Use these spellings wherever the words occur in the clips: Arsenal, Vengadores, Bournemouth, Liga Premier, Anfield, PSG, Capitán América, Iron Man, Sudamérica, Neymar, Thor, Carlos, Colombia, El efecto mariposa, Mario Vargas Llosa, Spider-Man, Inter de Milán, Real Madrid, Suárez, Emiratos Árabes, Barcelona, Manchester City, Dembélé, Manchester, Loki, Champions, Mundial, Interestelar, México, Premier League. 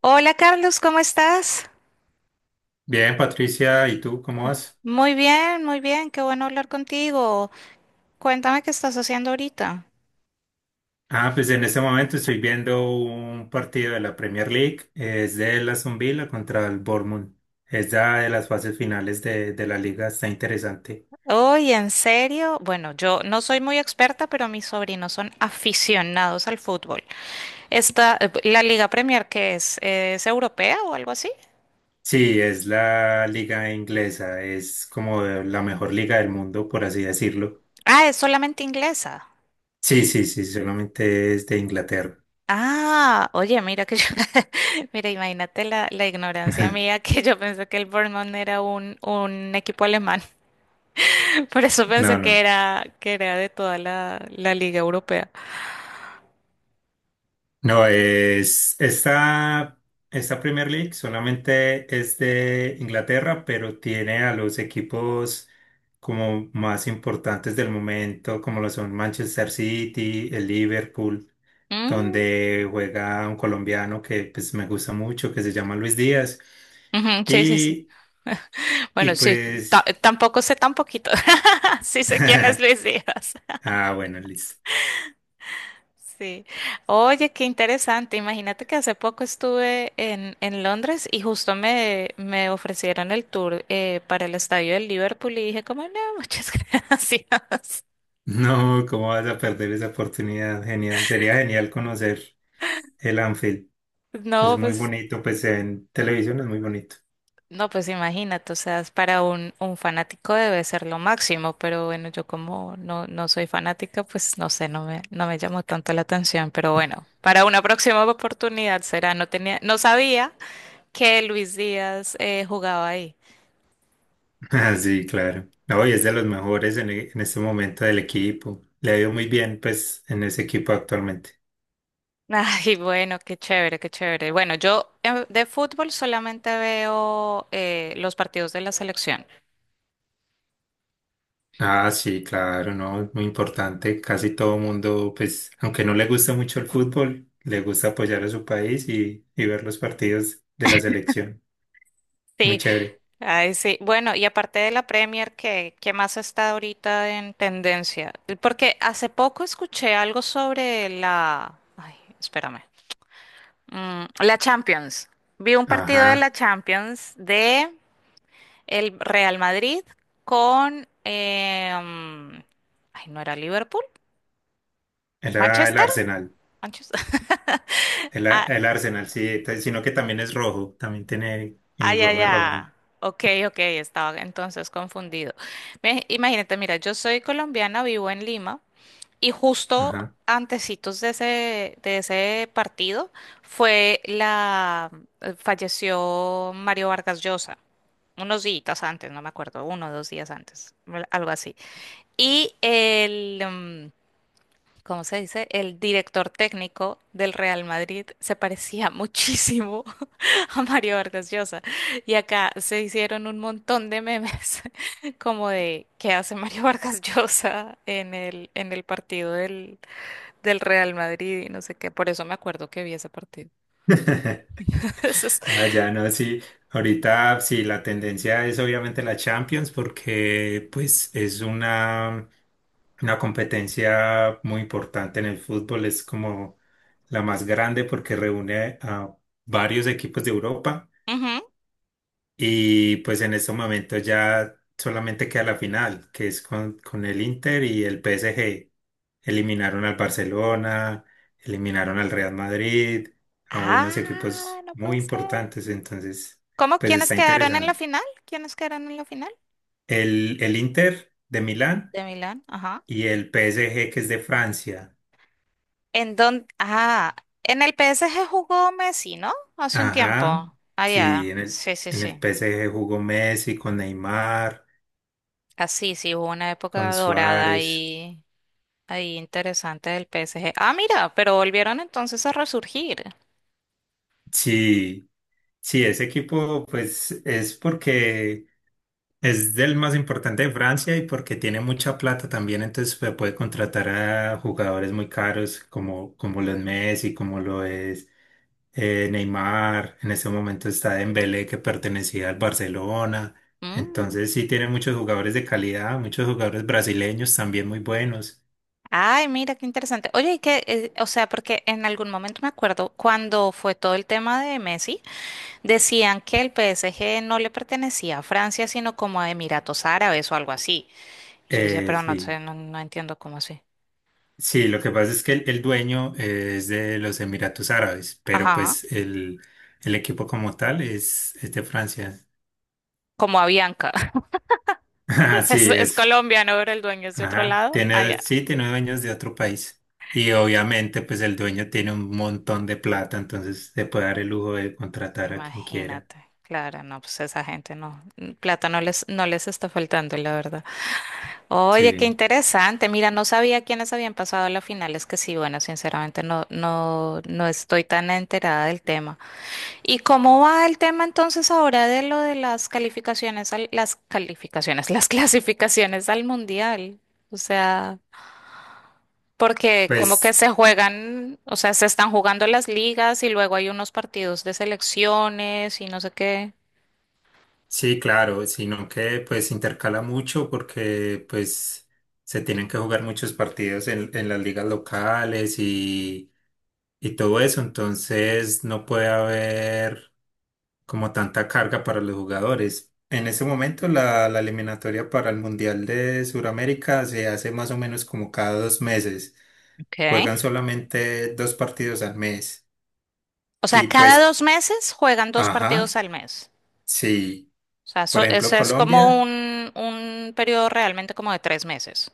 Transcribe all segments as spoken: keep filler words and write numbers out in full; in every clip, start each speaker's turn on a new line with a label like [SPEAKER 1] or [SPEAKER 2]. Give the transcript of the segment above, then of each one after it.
[SPEAKER 1] Hola Carlos, ¿cómo estás?
[SPEAKER 2] Bien, Patricia, ¿y tú cómo vas?
[SPEAKER 1] Muy bien, muy bien, qué bueno hablar contigo. Cuéntame qué estás haciendo ahorita.
[SPEAKER 2] Ah, pues en este momento estoy viendo un partido de la Premier League. Es de la Aston Villa contra el Bournemouth. Es la de las fases finales de, de la liga, está interesante.
[SPEAKER 1] Oye, ¿en serio? Bueno, yo no soy muy experta, pero mis sobrinos son aficionados al fútbol. Esta, eh, la Liga Premier, ¿qué es? Eh, ¿Es europea o algo así?
[SPEAKER 2] Sí, es la liga inglesa, es como la mejor liga del mundo, por así decirlo.
[SPEAKER 1] Ah, es solamente inglesa.
[SPEAKER 2] Sí, sí, sí, solamente es de Inglaterra.
[SPEAKER 1] Ah, oye, mira que yo, mira, imagínate la, la ignorancia mía, que yo pensé que el Bournemouth era un, un equipo alemán. Por eso
[SPEAKER 2] No,
[SPEAKER 1] pensé
[SPEAKER 2] no.
[SPEAKER 1] que era, que era de toda la, la Liga Europea.
[SPEAKER 2] No, es esta, esta Premier League solamente es de Inglaterra, pero tiene a los equipos como más importantes del momento, como lo son Manchester City, el Liverpool,
[SPEAKER 1] Mm,
[SPEAKER 2] donde juega un colombiano que pues me gusta mucho, que se llama Luis Díaz.
[SPEAKER 1] ujú, sí, sí, sí.
[SPEAKER 2] Y, y
[SPEAKER 1] Bueno, sí,
[SPEAKER 2] pues,
[SPEAKER 1] ta- tampoco sé tan poquito. Sí sé quién es Luis Díaz.
[SPEAKER 2] ah, bueno, listo.
[SPEAKER 1] Sí. Oye, qué interesante. Imagínate que hace poco estuve en, en Londres y justo me, me ofrecieron el tour eh, para el estadio del Liverpool y dije como, no, muchas gracias.
[SPEAKER 2] No, ¿cómo vas a perder esa oportunidad? Genial, sería genial conocer el Anfield. Es
[SPEAKER 1] No,
[SPEAKER 2] muy
[SPEAKER 1] pues
[SPEAKER 2] bonito, pues en televisión es muy bonito.
[SPEAKER 1] no, pues imagínate, o sea, es para un, un fanático, debe ser lo máximo, pero bueno, yo como no, no soy fanática, pues no sé, no me, no me llamó tanto la atención, pero bueno, para una próxima oportunidad será, no tenía, no sabía que Luis Díaz, eh, jugaba ahí.
[SPEAKER 2] Ah, sí, claro. No, y es de los mejores en, e- en este momento del equipo. Le ha ido muy bien, pues, en ese equipo actualmente.
[SPEAKER 1] Ay, bueno, qué chévere, qué chévere. Bueno, yo, eh, de fútbol solamente veo, eh, los partidos de la selección.
[SPEAKER 2] Ah, sí, claro, no, es muy importante. Casi todo mundo, pues, aunque no le gusta mucho el fútbol, le gusta apoyar a su país y, y ver los partidos de la selección. Muy
[SPEAKER 1] Sí,
[SPEAKER 2] chévere.
[SPEAKER 1] ay, sí. Bueno, y aparte de la Premier, ¿qué, qué más está ahorita en tendencia? Porque hace poco escuché algo sobre la... Ay, espérame. Mm, la Champions. Vi un partido de la
[SPEAKER 2] Ajá,
[SPEAKER 1] Champions de el Real Madrid con... em, ay, ¿no era Liverpool?
[SPEAKER 2] era el
[SPEAKER 1] ¿Manchester?
[SPEAKER 2] Arsenal.
[SPEAKER 1] ¿Manchester?
[SPEAKER 2] El, a-
[SPEAKER 1] Ah,
[SPEAKER 2] el Arsenal, sí, t- sino que también es rojo, también tiene
[SPEAKER 1] ay,
[SPEAKER 2] uniforme
[SPEAKER 1] ya,
[SPEAKER 2] rojo.
[SPEAKER 1] ay. Ok, ok, estaba entonces confundido. Me- Imagínate, mira, yo soy colombiana, vivo en Lima. Y justo
[SPEAKER 2] Ajá.
[SPEAKER 1] antecitos de ese, de ese partido fue la, eh, falleció Mario Vargas Llosa, unos días antes, no me acuerdo, uno o dos días antes, al- algo así. Y el, mm, ¿cómo se dice? El director técnico del Real Madrid se parecía muchísimo a Mario Vargas Llosa. Y acá se hicieron un montón de memes como de qué hace Mario Vargas Llosa en el, en el partido del del Real Madrid y no sé qué. Por eso me acuerdo que vi ese partido. Eso es-
[SPEAKER 2] Ah, ya no, sí. Ahorita sí, la tendencia es obviamente la Champions porque pues es una, una competencia muy importante en el fútbol. Es como la más grande porque reúne a varios equipos de Europa
[SPEAKER 1] Ujú.
[SPEAKER 2] y pues en este momento ya solamente queda la final, que es con, con el Inter y el P S G. Eliminaron al Barcelona, eliminaron al Real Madrid, a unos
[SPEAKER 1] Ah,
[SPEAKER 2] equipos
[SPEAKER 1] no
[SPEAKER 2] muy
[SPEAKER 1] puede ser.
[SPEAKER 2] importantes, entonces,
[SPEAKER 1] ¿Cómo?
[SPEAKER 2] pues
[SPEAKER 1] ¿Quiénes
[SPEAKER 2] está
[SPEAKER 1] quedaron en la
[SPEAKER 2] interesante.
[SPEAKER 1] final? ¿Quiénes quedaron en la final?
[SPEAKER 2] El, el Inter de Milán
[SPEAKER 1] De Milán, ajá.
[SPEAKER 2] y el P S G que es de Francia.
[SPEAKER 1] ¿En dónde? Ah, en el P S G jugó Messi, ¿no? Hace un
[SPEAKER 2] Ajá,
[SPEAKER 1] tiempo. Ah,
[SPEAKER 2] sí,
[SPEAKER 1] ya.
[SPEAKER 2] en el,
[SPEAKER 1] Sí, sí,
[SPEAKER 2] en el
[SPEAKER 1] sí.
[SPEAKER 2] P S G jugó Messi con Neymar,
[SPEAKER 1] Así, sí, sí, hubo una
[SPEAKER 2] con
[SPEAKER 1] época dorada
[SPEAKER 2] Suárez.
[SPEAKER 1] ahí, ahí interesante del P S G. Ah, mira, pero volvieron entonces a resurgir.
[SPEAKER 2] Sí, sí, ese equipo pues es porque es del más importante de Francia y porque tiene mucha plata también, entonces se puede contratar a jugadores muy caros como, como lo es Messi, como lo es eh, Neymar. En este momento está Dembélé que pertenecía al Barcelona.
[SPEAKER 1] Mm.
[SPEAKER 2] Entonces sí tiene muchos jugadores de calidad, muchos jugadores brasileños también muy buenos.
[SPEAKER 1] Ay, mira, qué interesante. Oye, y que, eh, o sea, porque en algún momento me acuerdo cuando fue todo el tema de Messi, decían que el P S G no le pertenecía a Francia, sino como a Emiratos Árabes o algo así. Y yo decía,
[SPEAKER 2] Eh,
[SPEAKER 1] pero no
[SPEAKER 2] sí.
[SPEAKER 1] sé, no, no entiendo cómo así.
[SPEAKER 2] Sí, lo que pasa es que el, el dueño eh, es de los Emiratos Árabes, pero
[SPEAKER 1] Ajá,
[SPEAKER 2] pues el, el equipo como tal es, es de Francia.
[SPEAKER 1] como a Bianca. Es,
[SPEAKER 2] Sí,
[SPEAKER 1] es
[SPEAKER 2] es.
[SPEAKER 1] colombiano, pero el dueño es de otro
[SPEAKER 2] Ajá,
[SPEAKER 1] lado.
[SPEAKER 2] tiene,
[SPEAKER 1] Allá.
[SPEAKER 2] sí, tiene dueños de otro país. Y obviamente, pues el dueño tiene un montón de plata, entonces se puede dar el lujo de contratar a quien quiera.
[SPEAKER 1] Imagínate. Claro, no, pues esa gente no, plata no les, no les está faltando, la verdad. Oye, qué
[SPEAKER 2] Sí,
[SPEAKER 1] interesante. Mira, no sabía quiénes habían pasado a la final. Es que sí, bueno, sinceramente no, no, no estoy tan enterada del tema. ¿Y cómo va el tema entonces ahora de lo de las calificaciones al- las calificaciones, las clasificaciones al mundial? O sea, porque como que
[SPEAKER 2] pues
[SPEAKER 1] se juegan, o sea, se están jugando las ligas y luego hay unos partidos de selecciones y no sé qué.
[SPEAKER 2] sí, claro, sino que pues intercala mucho porque pues se tienen que jugar muchos partidos en, en las ligas locales y, y todo eso, entonces no puede haber como tanta carga para los jugadores. En ese momento la, la eliminatoria para el Mundial de Sudamérica se hace más o menos como cada dos meses. Juegan
[SPEAKER 1] Ok.
[SPEAKER 2] solamente dos partidos al mes.
[SPEAKER 1] O sea,
[SPEAKER 2] Y
[SPEAKER 1] cada
[SPEAKER 2] pues, c-
[SPEAKER 1] dos meses juegan dos partidos
[SPEAKER 2] ajá,
[SPEAKER 1] al mes.
[SPEAKER 2] sí.
[SPEAKER 1] O sea, eso,
[SPEAKER 2] Por ejemplo,
[SPEAKER 1] eso es como
[SPEAKER 2] Colombia,
[SPEAKER 1] un, un periodo realmente como de tres meses.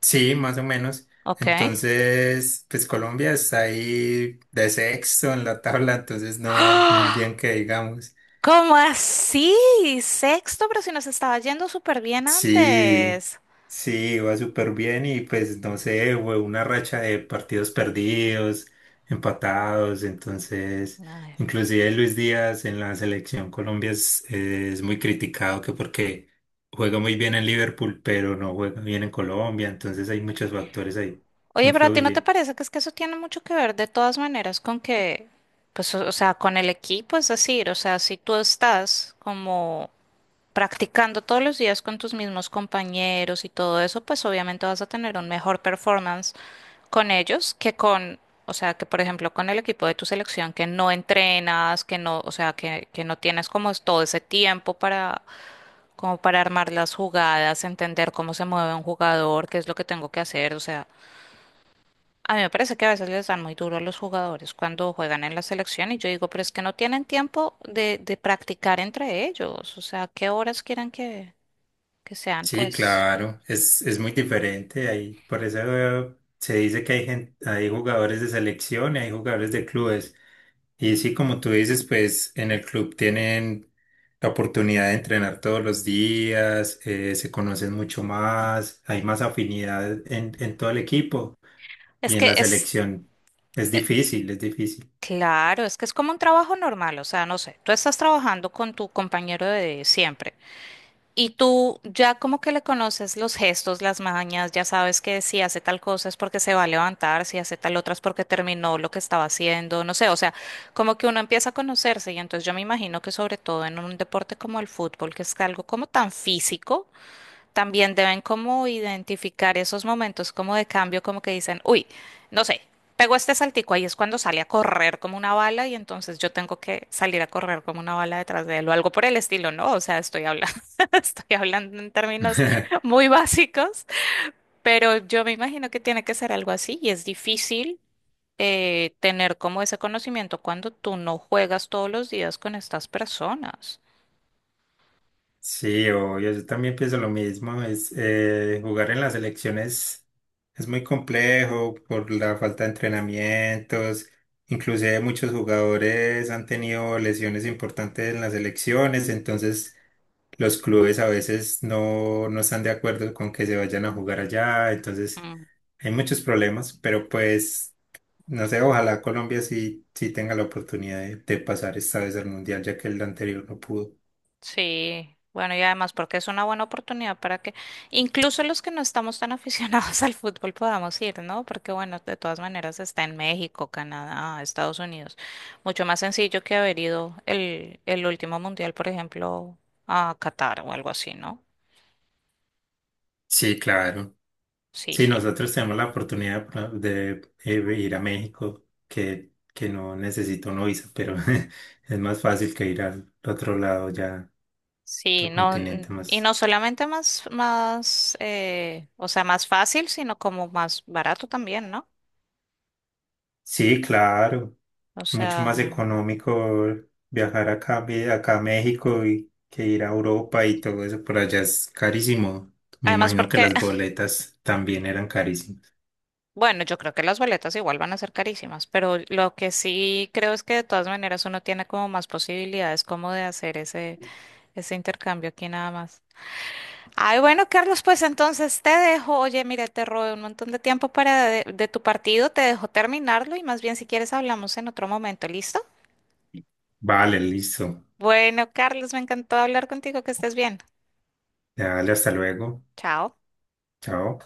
[SPEAKER 2] sí, más o menos.
[SPEAKER 1] Ok.
[SPEAKER 2] Entonces, pues Colombia está ahí de sexto en la tabla, entonces no va muy bien
[SPEAKER 1] ¡Ah!
[SPEAKER 2] que digamos.
[SPEAKER 1] ¿Cómo así? Sexto, pero si nos estaba yendo súper bien
[SPEAKER 2] Sí,
[SPEAKER 1] antes.
[SPEAKER 2] sí, iba súper bien y pues no sé, fue una racha de partidos perdidos, empatados, entonces
[SPEAKER 1] Ay.
[SPEAKER 2] inclusive Luis Díaz en la selección Colombia es, es muy criticado que porque juega muy bien en Liverpool, pero no juega bien en Colombia, entonces hay muchos factores ahí que
[SPEAKER 1] Oye, pero a ti no te
[SPEAKER 2] influyen.
[SPEAKER 1] parece que es que eso tiene mucho que ver de todas maneras con que, pues, o, o sea, con el equipo, es decir, o sea, si tú estás como practicando todos los días con tus mismos compañeros y todo eso, pues obviamente vas a tener un mejor performance con ellos que con, o sea, que por ejemplo con el equipo de tu selección que no entrenas, que no, o sea, que, que no tienes como es todo ese tiempo para, como para armar las jugadas, entender cómo se mueve un jugador, qué es lo que tengo que hacer, o sea, a mí me parece que a veces les dan muy duro a los jugadores cuando juegan en la selección y yo digo, pero es que no tienen tiempo de, de practicar entre ellos, o sea, ¿qué horas quieren que, que sean?
[SPEAKER 2] Sí,
[SPEAKER 1] Pues
[SPEAKER 2] claro, es, es muy diferente ahí, por eso eh, se dice que hay gente, hay jugadores de selección y hay jugadores de clubes. Y sí, como tú dices, pues en el club tienen la oportunidad de entrenar todos los días, eh, se conocen mucho más, hay más afinidad en, en todo el equipo
[SPEAKER 1] es
[SPEAKER 2] y en
[SPEAKER 1] que
[SPEAKER 2] la
[SPEAKER 1] es...
[SPEAKER 2] selección. Es difícil, es difícil.
[SPEAKER 1] Claro, es que es como un trabajo normal, o sea, no sé, tú estás trabajando con tu compañero de siempre y tú ya como que le conoces los gestos, las mañas, ya sabes que si hace tal cosa es porque se va a levantar, si hace tal otra es porque terminó lo que estaba haciendo, no sé, o sea, como que uno empieza a conocerse y entonces yo me imagino que sobre todo en un deporte como el fútbol, que es algo como tan físico, también deben como identificar esos momentos como de cambio, como que dicen, uy, no sé, pegó este saltico, ahí es cuando sale a correr como una bala y entonces yo tengo que salir a correr como una bala detrás de él o algo por el estilo, ¿no? O sea, estoy hablando, estoy hablando en términos muy básicos, pero yo me imagino que tiene que ser algo así y es difícil. Eh, tener como ese conocimiento cuando tú no juegas todos los días con estas personas.
[SPEAKER 2] Sí, obvio, yo también pienso lo mismo. Es, eh, jugar en las selecciones es muy complejo por la falta de entrenamientos. Inclusive muchos jugadores han tenido lesiones importantes en las selecciones, entonces los clubes a veces no, no están de acuerdo con que se vayan a jugar allá, entonces
[SPEAKER 1] Mm.
[SPEAKER 2] hay muchos problemas, pero pues no sé, ojalá Colombia sí, sí tenga la oportunidad de, de pasar esta vez al Mundial, ya que el anterior no pudo.
[SPEAKER 1] Sí, bueno, y además porque es una buena oportunidad para que incluso los que no estamos tan aficionados al fútbol podamos ir, ¿no? Porque bueno, de todas maneras está en México, Canadá, Estados Unidos. Mucho más sencillo que haber ido el, el último mundial, por ejemplo, a Qatar o algo así, ¿no?
[SPEAKER 2] Sí, claro.
[SPEAKER 1] Sí,
[SPEAKER 2] Sí,
[SPEAKER 1] sí.
[SPEAKER 2] nosotros tenemos la oportunidad de, de eh, ir a México, que, que no necesito una visa, pero es más fácil que ir al otro lado ya,
[SPEAKER 1] Sí,
[SPEAKER 2] otro
[SPEAKER 1] no, n-
[SPEAKER 2] continente
[SPEAKER 1] y
[SPEAKER 2] más.
[SPEAKER 1] no solamente más, más, eh, o sea, más fácil, sino como más barato también, ¿no?
[SPEAKER 2] Sí, claro.
[SPEAKER 1] O
[SPEAKER 2] Mucho más
[SPEAKER 1] sea,
[SPEAKER 2] económico viajar acá, a Me- acá a México y que ir a Europa y todo eso por allá es carísimo. Me
[SPEAKER 1] además
[SPEAKER 2] imagino que
[SPEAKER 1] porque
[SPEAKER 2] las boletas también eran carísimas.
[SPEAKER 1] bueno, yo creo que las boletas igual van a ser carísimas, pero lo que sí creo es que de todas maneras uno tiene como más posibilidades como de hacer ese, ese intercambio aquí nada más. Ay, bueno, Carlos, pues entonces te dejo. Oye, mira, te robé un montón de tiempo para de, de tu partido, te dejo terminarlo y más bien si quieres hablamos en otro momento, ¿listo?
[SPEAKER 2] Vale, listo.
[SPEAKER 1] Bueno, Carlos, me encantó hablar contigo, que estés bien.
[SPEAKER 2] Dale, hasta luego.
[SPEAKER 1] Chao.
[SPEAKER 2] Chao.